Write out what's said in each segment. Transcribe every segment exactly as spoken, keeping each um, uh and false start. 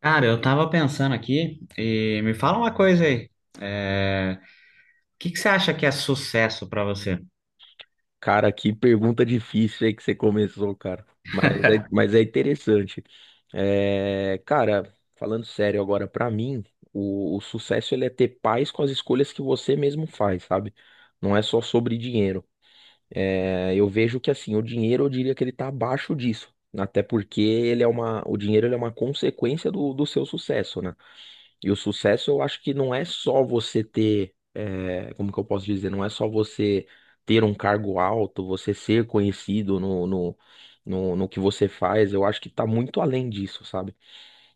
Cara, eu tava pensando aqui e me fala uma coisa aí. É, O que que você acha que é sucesso pra você? Cara, que pergunta difícil aí que você começou, cara. Mas é, mas é interessante. É, cara, falando sério agora, pra mim, o, o sucesso ele é ter paz com as escolhas que você mesmo faz, sabe? Não é só sobre dinheiro. É, eu vejo que assim, o dinheiro eu diria que ele tá abaixo disso. Até porque ele é uma, o dinheiro ele é uma consequência do, do seu sucesso, né? E o sucesso eu acho que não é só você ter, eh, como que eu posso dizer, não é só você ter um cargo alto, você ser conhecido no, no, no, no que você faz, eu acho que tá muito além disso, sabe?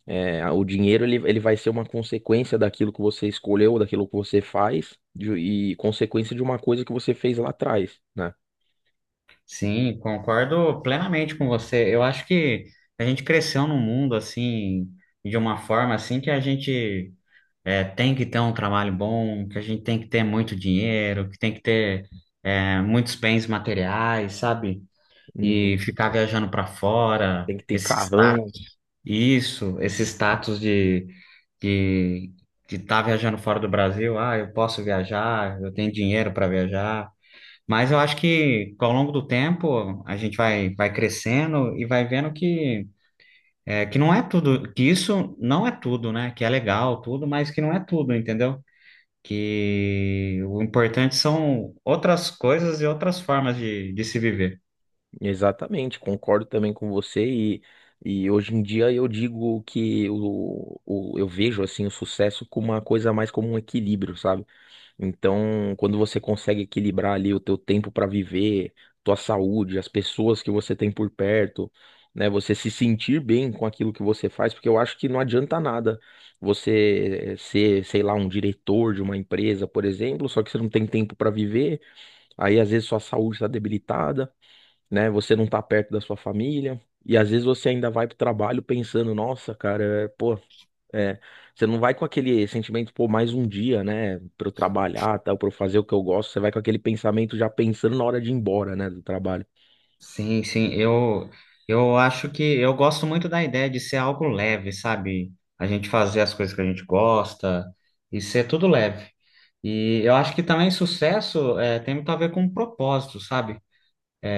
Eh, o dinheiro ele, ele vai ser uma consequência daquilo que você escolheu, daquilo que você faz, de- e consequência de uma coisa que você fez lá atrás, né? Sim, concordo plenamente com você. Eu acho que a gente cresceu num mundo assim, de uma forma assim que a gente é, tem que ter um trabalho bom, que a gente tem que ter muito dinheiro, que tem que ter é, muitos bens materiais, sabe? E Uhum. ficar viajando para fora, Tem que ter esse carrão. status, isso, esse status de de de estar viajando fora do Brasil. Ah, eu posso viajar, eu tenho dinheiro para viajar. Mas eu acho que ao longo do tempo a gente vai vai crescendo e vai vendo que é, que não é tudo, que isso não é tudo, né? Que é legal tudo, mas que não é tudo, entendeu? Que o importante são outras coisas e outras formas de, de se viver. Exatamente, concordo também com você, e, e hoje em dia eu digo que o, o, eu vejo assim o sucesso como uma coisa mais como um equilíbrio, sabe? Então, quando você consegue equilibrar ali o teu tempo para viver, tua saúde, as pessoas que você tem por perto, né? Você se sentir bem com aquilo que você faz, porque eu acho que não adianta nada você ser, sei lá, um diretor de uma empresa, por exemplo, só que você não tem tempo para viver, aí às vezes sua saúde está debilitada, né? Você não tá perto da sua família e às vezes você ainda vai pro trabalho pensando, nossa, cara, é, pô, é, você não vai com aquele sentimento, pô, mais um dia, né, pra eu trabalhar, tal, para eu fazer o que eu gosto, você vai com aquele pensamento já pensando na hora de ir embora, né, do trabalho. Sim, sim, eu, eu acho que eu gosto muito da ideia de ser algo leve, sabe? A gente fazer as coisas que a gente gosta e ser tudo leve. E eu acho que também sucesso é, tem muito a ver com propósito, sabe?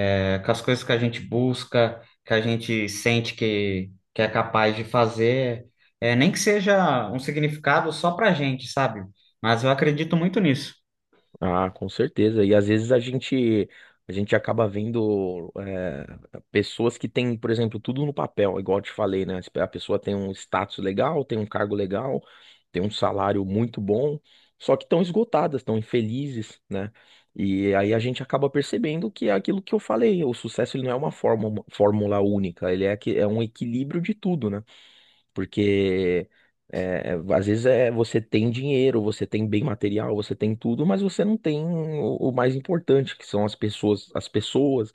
É, com as coisas que a gente busca, que a gente sente que, que é capaz de fazer, é, nem que seja um significado só pra gente, sabe? Mas eu acredito muito nisso. Ah, com certeza. E às vezes a gente a gente acaba vendo, eh, pessoas que têm, por exemplo, tudo no papel, igual eu te falei, né? A pessoa tem um status legal, tem um cargo legal, tem um salário muito bom, só que estão esgotadas, estão infelizes, né? E aí a gente acaba percebendo que é aquilo que eu falei, o sucesso ele não é uma fórmula, fórmula única, ele é, que, é um equilíbrio de tudo, né? Porque é, às vezes é, você tem dinheiro, você tem bem material, você tem tudo, mas você não tem o, o mais importante, que são as pessoas, as pessoas,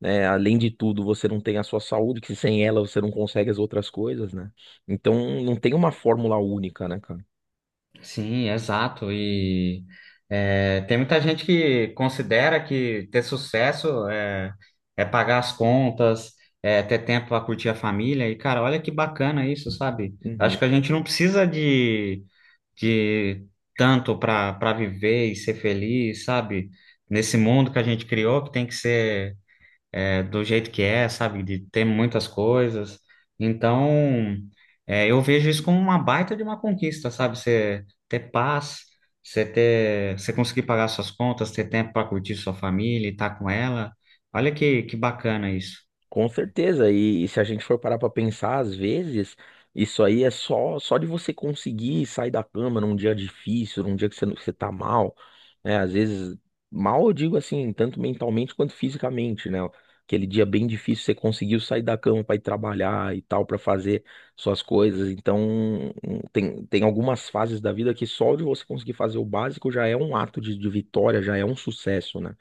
né? Além de tudo, você não tem a sua saúde, que sem ela você não consegue as outras coisas, né? Então não tem uma fórmula única, né, cara? Sim, exato. E é, tem muita gente que considera que ter sucesso é, é pagar as contas, é ter tempo para curtir a família. E, cara, olha que bacana isso, sabe? Uhum. Acho que a gente não precisa de, de tanto para para viver e ser feliz, sabe? Nesse mundo que a gente criou, que tem que ser é, do jeito que é, sabe? De ter muitas coisas. Então, é, eu vejo isso como uma baita de uma conquista, sabe? Você ter paz, você ter, você conseguir pagar suas contas, ter tempo para curtir sua família e estar com ela. Olha que, que bacana isso. Com certeza, e, e se a gente for parar pra pensar, às vezes, isso aí é só só de você conseguir sair da cama num dia difícil, num dia que você, não- você tá mal, né? Às vezes, mal eu digo assim, tanto mentalmente quanto fisicamente, né? Aquele dia bem difícil, você conseguiu sair da cama pra ir trabalhar e tal, pra fazer suas coisas. Então, tem, tem algumas fases da vida que só de você conseguir fazer o básico já é um ato de, de vitória, já é um sucesso, né?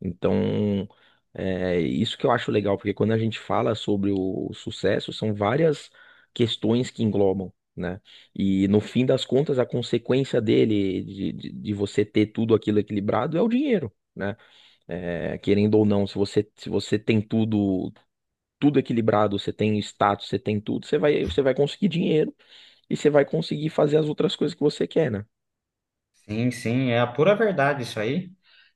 Então. É isso que eu acho legal, porque quando a gente fala sobre o sucesso, são várias questões que englobam, né? E no fim das contas, a consequência dele, de, de, de você ter tudo aquilo equilibrado, é o dinheiro, né? É, querendo ou não, se você, se você tem tudo, tudo equilibrado, você tem status, você tem tudo, você vai, você vai conseguir dinheiro e você vai conseguir fazer as outras coisas que você quer, né? Sim, sim, é a pura verdade isso aí.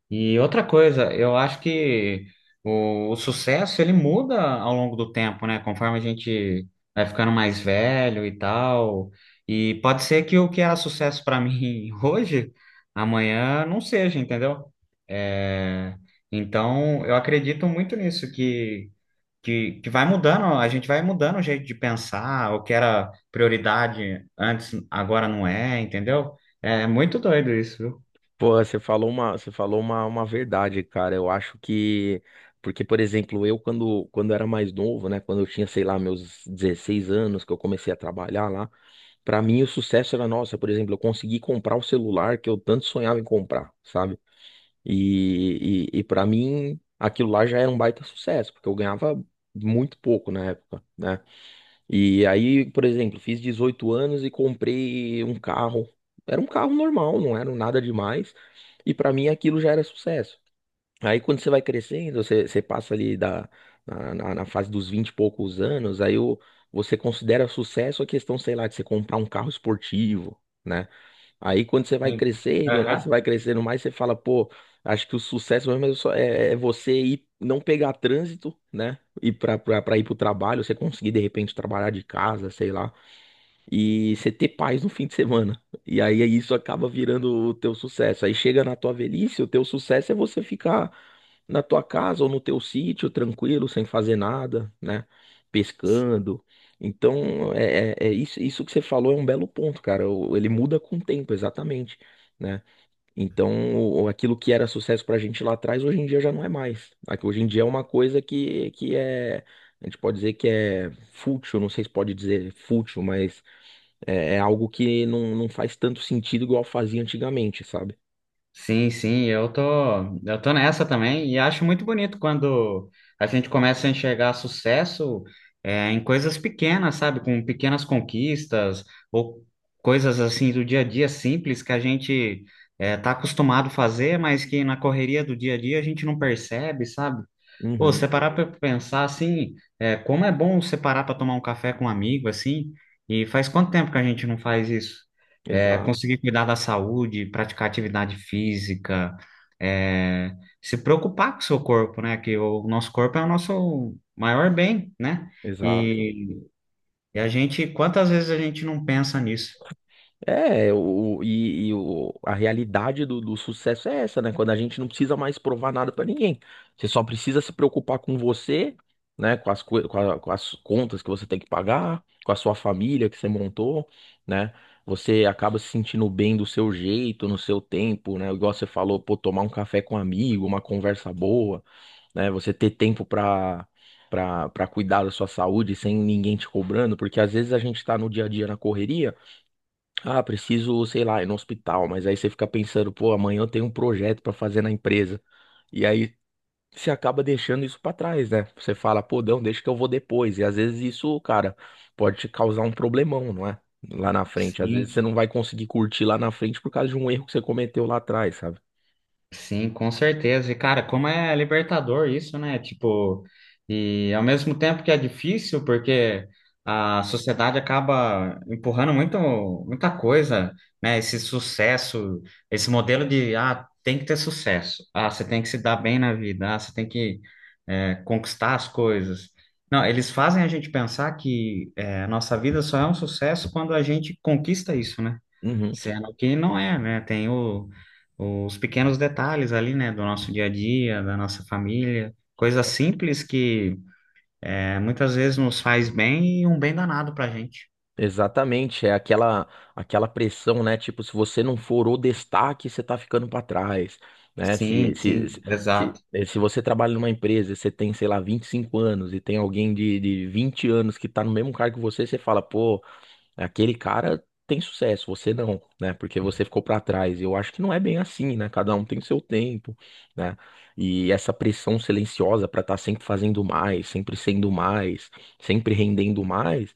E outra coisa, eu acho que o, o sucesso ele muda ao longo do tempo, né? Conforme a gente vai ficando mais velho e tal. E pode ser que o que era sucesso para mim hoje, amanhã não seja, entendeu? É, então, eu acredito muito nisso, que, que, que vai mudando, a gente vai mudando o jeito de pensar, o que era prioridade antes, agora não é, entendeu? É muito doido isso, viu? Pô, você falou uma, você falou uma, uma verdade, cara. Eu acho que, porque, por exemplo, eu quando, quando era mais novo, né, quando eu tinha, sei lá, meus dezesseis anos, que eu comecei a trabalhar lá, pra mim o sucesso era, nossa, por exemplo, eu consegui comprar o celular que eu tanto sonhava em comprar, sabe? E, e, e para mim aquilo lá já era um baita sucesso, porque eu ganhava muito pouco na época, né? E aí, por exemplo, fiz dezoito anos e comprei um carro. Era um carro normal, não era nada demais. E pra mim aquilo já era sucesso. Aí quando você vai crescendo, você, você passa ali da, na, na- na fase dos vinte e poucos anos, aí o, você considera sucesso a questão, sei lá, de você comprar um carro esportivo, né. Aí quando você vai crescendo, né? Você Aham. vai crescendo mais, você fala, pô, acho que o sucesso mesmo é, só- é- é você ir, não pegar trânsito, né? E para ir para o trabalho, você conseguir de repente trabalhar de casa, sei lá, e você ter paz no fim de semana. E aí isso acaba virando o teu sucesso. Aí chega na tua velhice, o teu sucesso é você ficar na tua casa ou no teu sítio, tranquilo, sem fazer nada, né? Pescando. Então, é, é- é isso, isso que você falou é um belo ponto, cara. O- Ele muda com o tempo, exatamente, né? Então, o- aquilo que era sucesso pra gente lá atrás, hoje em dia já não é mais. Aqui, Hoje em dia é uma coisa que, que é, a gente pode dizer que é fútil, não sei se pode dizer fútil, mas é, é algo que não, não faz tanto sentido igual fazia antigamente, sabe? Sim, sim, eu tô, eu tô nessa também e acho muito bonito quando a gente começa a enxergar sucesso é, em coisas pequenas, sabe? Com pequenas conquistas ou coisas assim do dia a dia simples que a gente é, tá acostumado a fazer, mas que na correria do dia a dia a gente não percebe, sabe? Pô, se Uhum, você parar para pensar assim, é, como é bom você parar para tomar um café com um amigo assim, e faz quanto tempo que a gente não faz isso? É, exato, conseguir cuidar da saúde, praticar atividade física, é, se preocupar com o seu corpo, né? Que o nosso corpo é o nosso maior bem, né? exato. E, e a gente, quantas vezes a gente não pensa nisso? É, o, e, e o, a realidade do, do sucesso é essa, né? Quando a gente não precisa mais provar nada pra ninguém. Você só precisa se preocupar com você, né? Com as, coi- com a- com as contas que você tem que pagar, com a sua família que você montou, né? Você acaba se sentindo bem do seu jeito, no seu tempo, né? Igual você falou, pô, tomar um café com um amigo, uma conversa boa, né? Você ter tempo pra. Para pra cuidar da sua saúde sem ninguém te cobrando, porque às vezes a gente tá no dia a dia na correria. Ah, preciso, sei lá, ir no hospital, mas aí você fica pensando, pô, amanhã eu tenho um projeto pra fazer na empresa. E aí você acaba deixando isso pra trás, né? Você fala, pô, não, deixa que eu vou depois. E às vezes isso, cara, pode te causar um problemão, não é, lá na frente. Às vezes você Sim. não vai conseguir curtir lá na frente por causa de um erro que você cometeu lá atrás, sabe? Sim, com certeza. E, cara, como é libertador isso, né? Tipo, e ao mesmo tempo que é difícil, porque a sociedade acaba empurrando muito, muita coisa, né? Esse sucesso, esse modelo de, ah, tem que ter sucesso, ah, você tem que se dar bem na vida, ah, você tem que, é, conquistar as coisas. Não, eles fazem a gente pensar que, é, a nossa vida só é um sucesso quando a gente conquista isso, né? Uhum. Sendo que não é, né? Tem o- os pequenos detalhes ali, né? Do nosso dia a dia, da nossa família. Coisas simples que é, muitas vezes nos faz bem e um bem danado pra gente. Exatamente, é aquela aquela pressão, né? Tipo, se você não for o destaque, você tá ficando pra trás, né? Se, Sim, se, sim, se, se, exato. eh, se você trabalha numa empresa e você tem, sei lá, vinte e cinco anos e tem alguém de, de vinte anos que tá no mesmo cargo que você, você fala, pô, aquele cara tem sucesso, você não, né? Porque você ficou pra trás. Eu acho que não é bem assim, né? Cada um tem o seu tempo, né? E essa pressão silenciosa pra estar sempre fazendo mais, sempre sendo mais, sempre rendendo mais.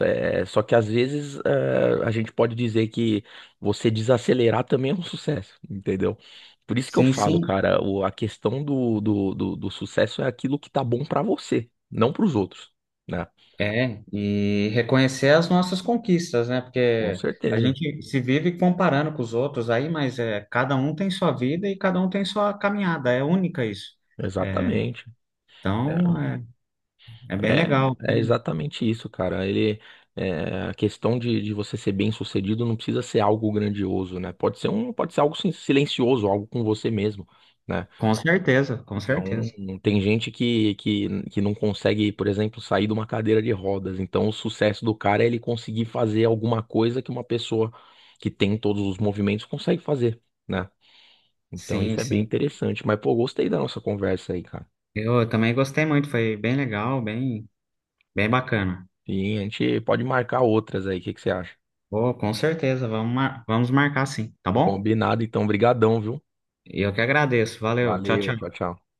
É, só que às vezes é, a gente pode dizer que você desacelerar também é um sucesso, entendeu? Por isso que eu Sim, falo, sim, cara, o- a questão do, do, do, do sucesso é aquilo que tá bom pra você, não pros outros, né? é. E reconhecer as nossas conquistas, né? Com Porque a certeza, gente se vive comparando com os outros aí, mas é, cada um tem sua vida e cada um tem sua caminhada. É única isso. É, exatamente. É, então, é, é bem legal. é é exatamente isso, cara. Ele, é, a questão de, de você ser bem-sucedido não precisa ser algo grandioso, né? Pode ser um, pode ser algo sin- silencioso, algo com você mesmo, né? Com certeza, com Então, certeza. tem gente que, que, que não consegue, por exemplo, sair de uma cadeira de rodas. Então, o sucesso do cara é ele conseguir fazer alguma coisa que uma pessoa que tem todos os movimentos consegue fazer, né? Então, Sim, isso é bem sim. interessante. Mas, pô, gostei da nossa conversa aí, cara. Eu também gostei muito, foi bem legal, bem, bem bacana. E a gente pode marcar outras aí. O que que você acha? Pô, com certeza, vamos, mar- vamos marcar sim, tá bom? Combinado, então. Brigadão, viu? E eu que agradeço, valeu, tchau, Valeu, tchau, tchau. tchau.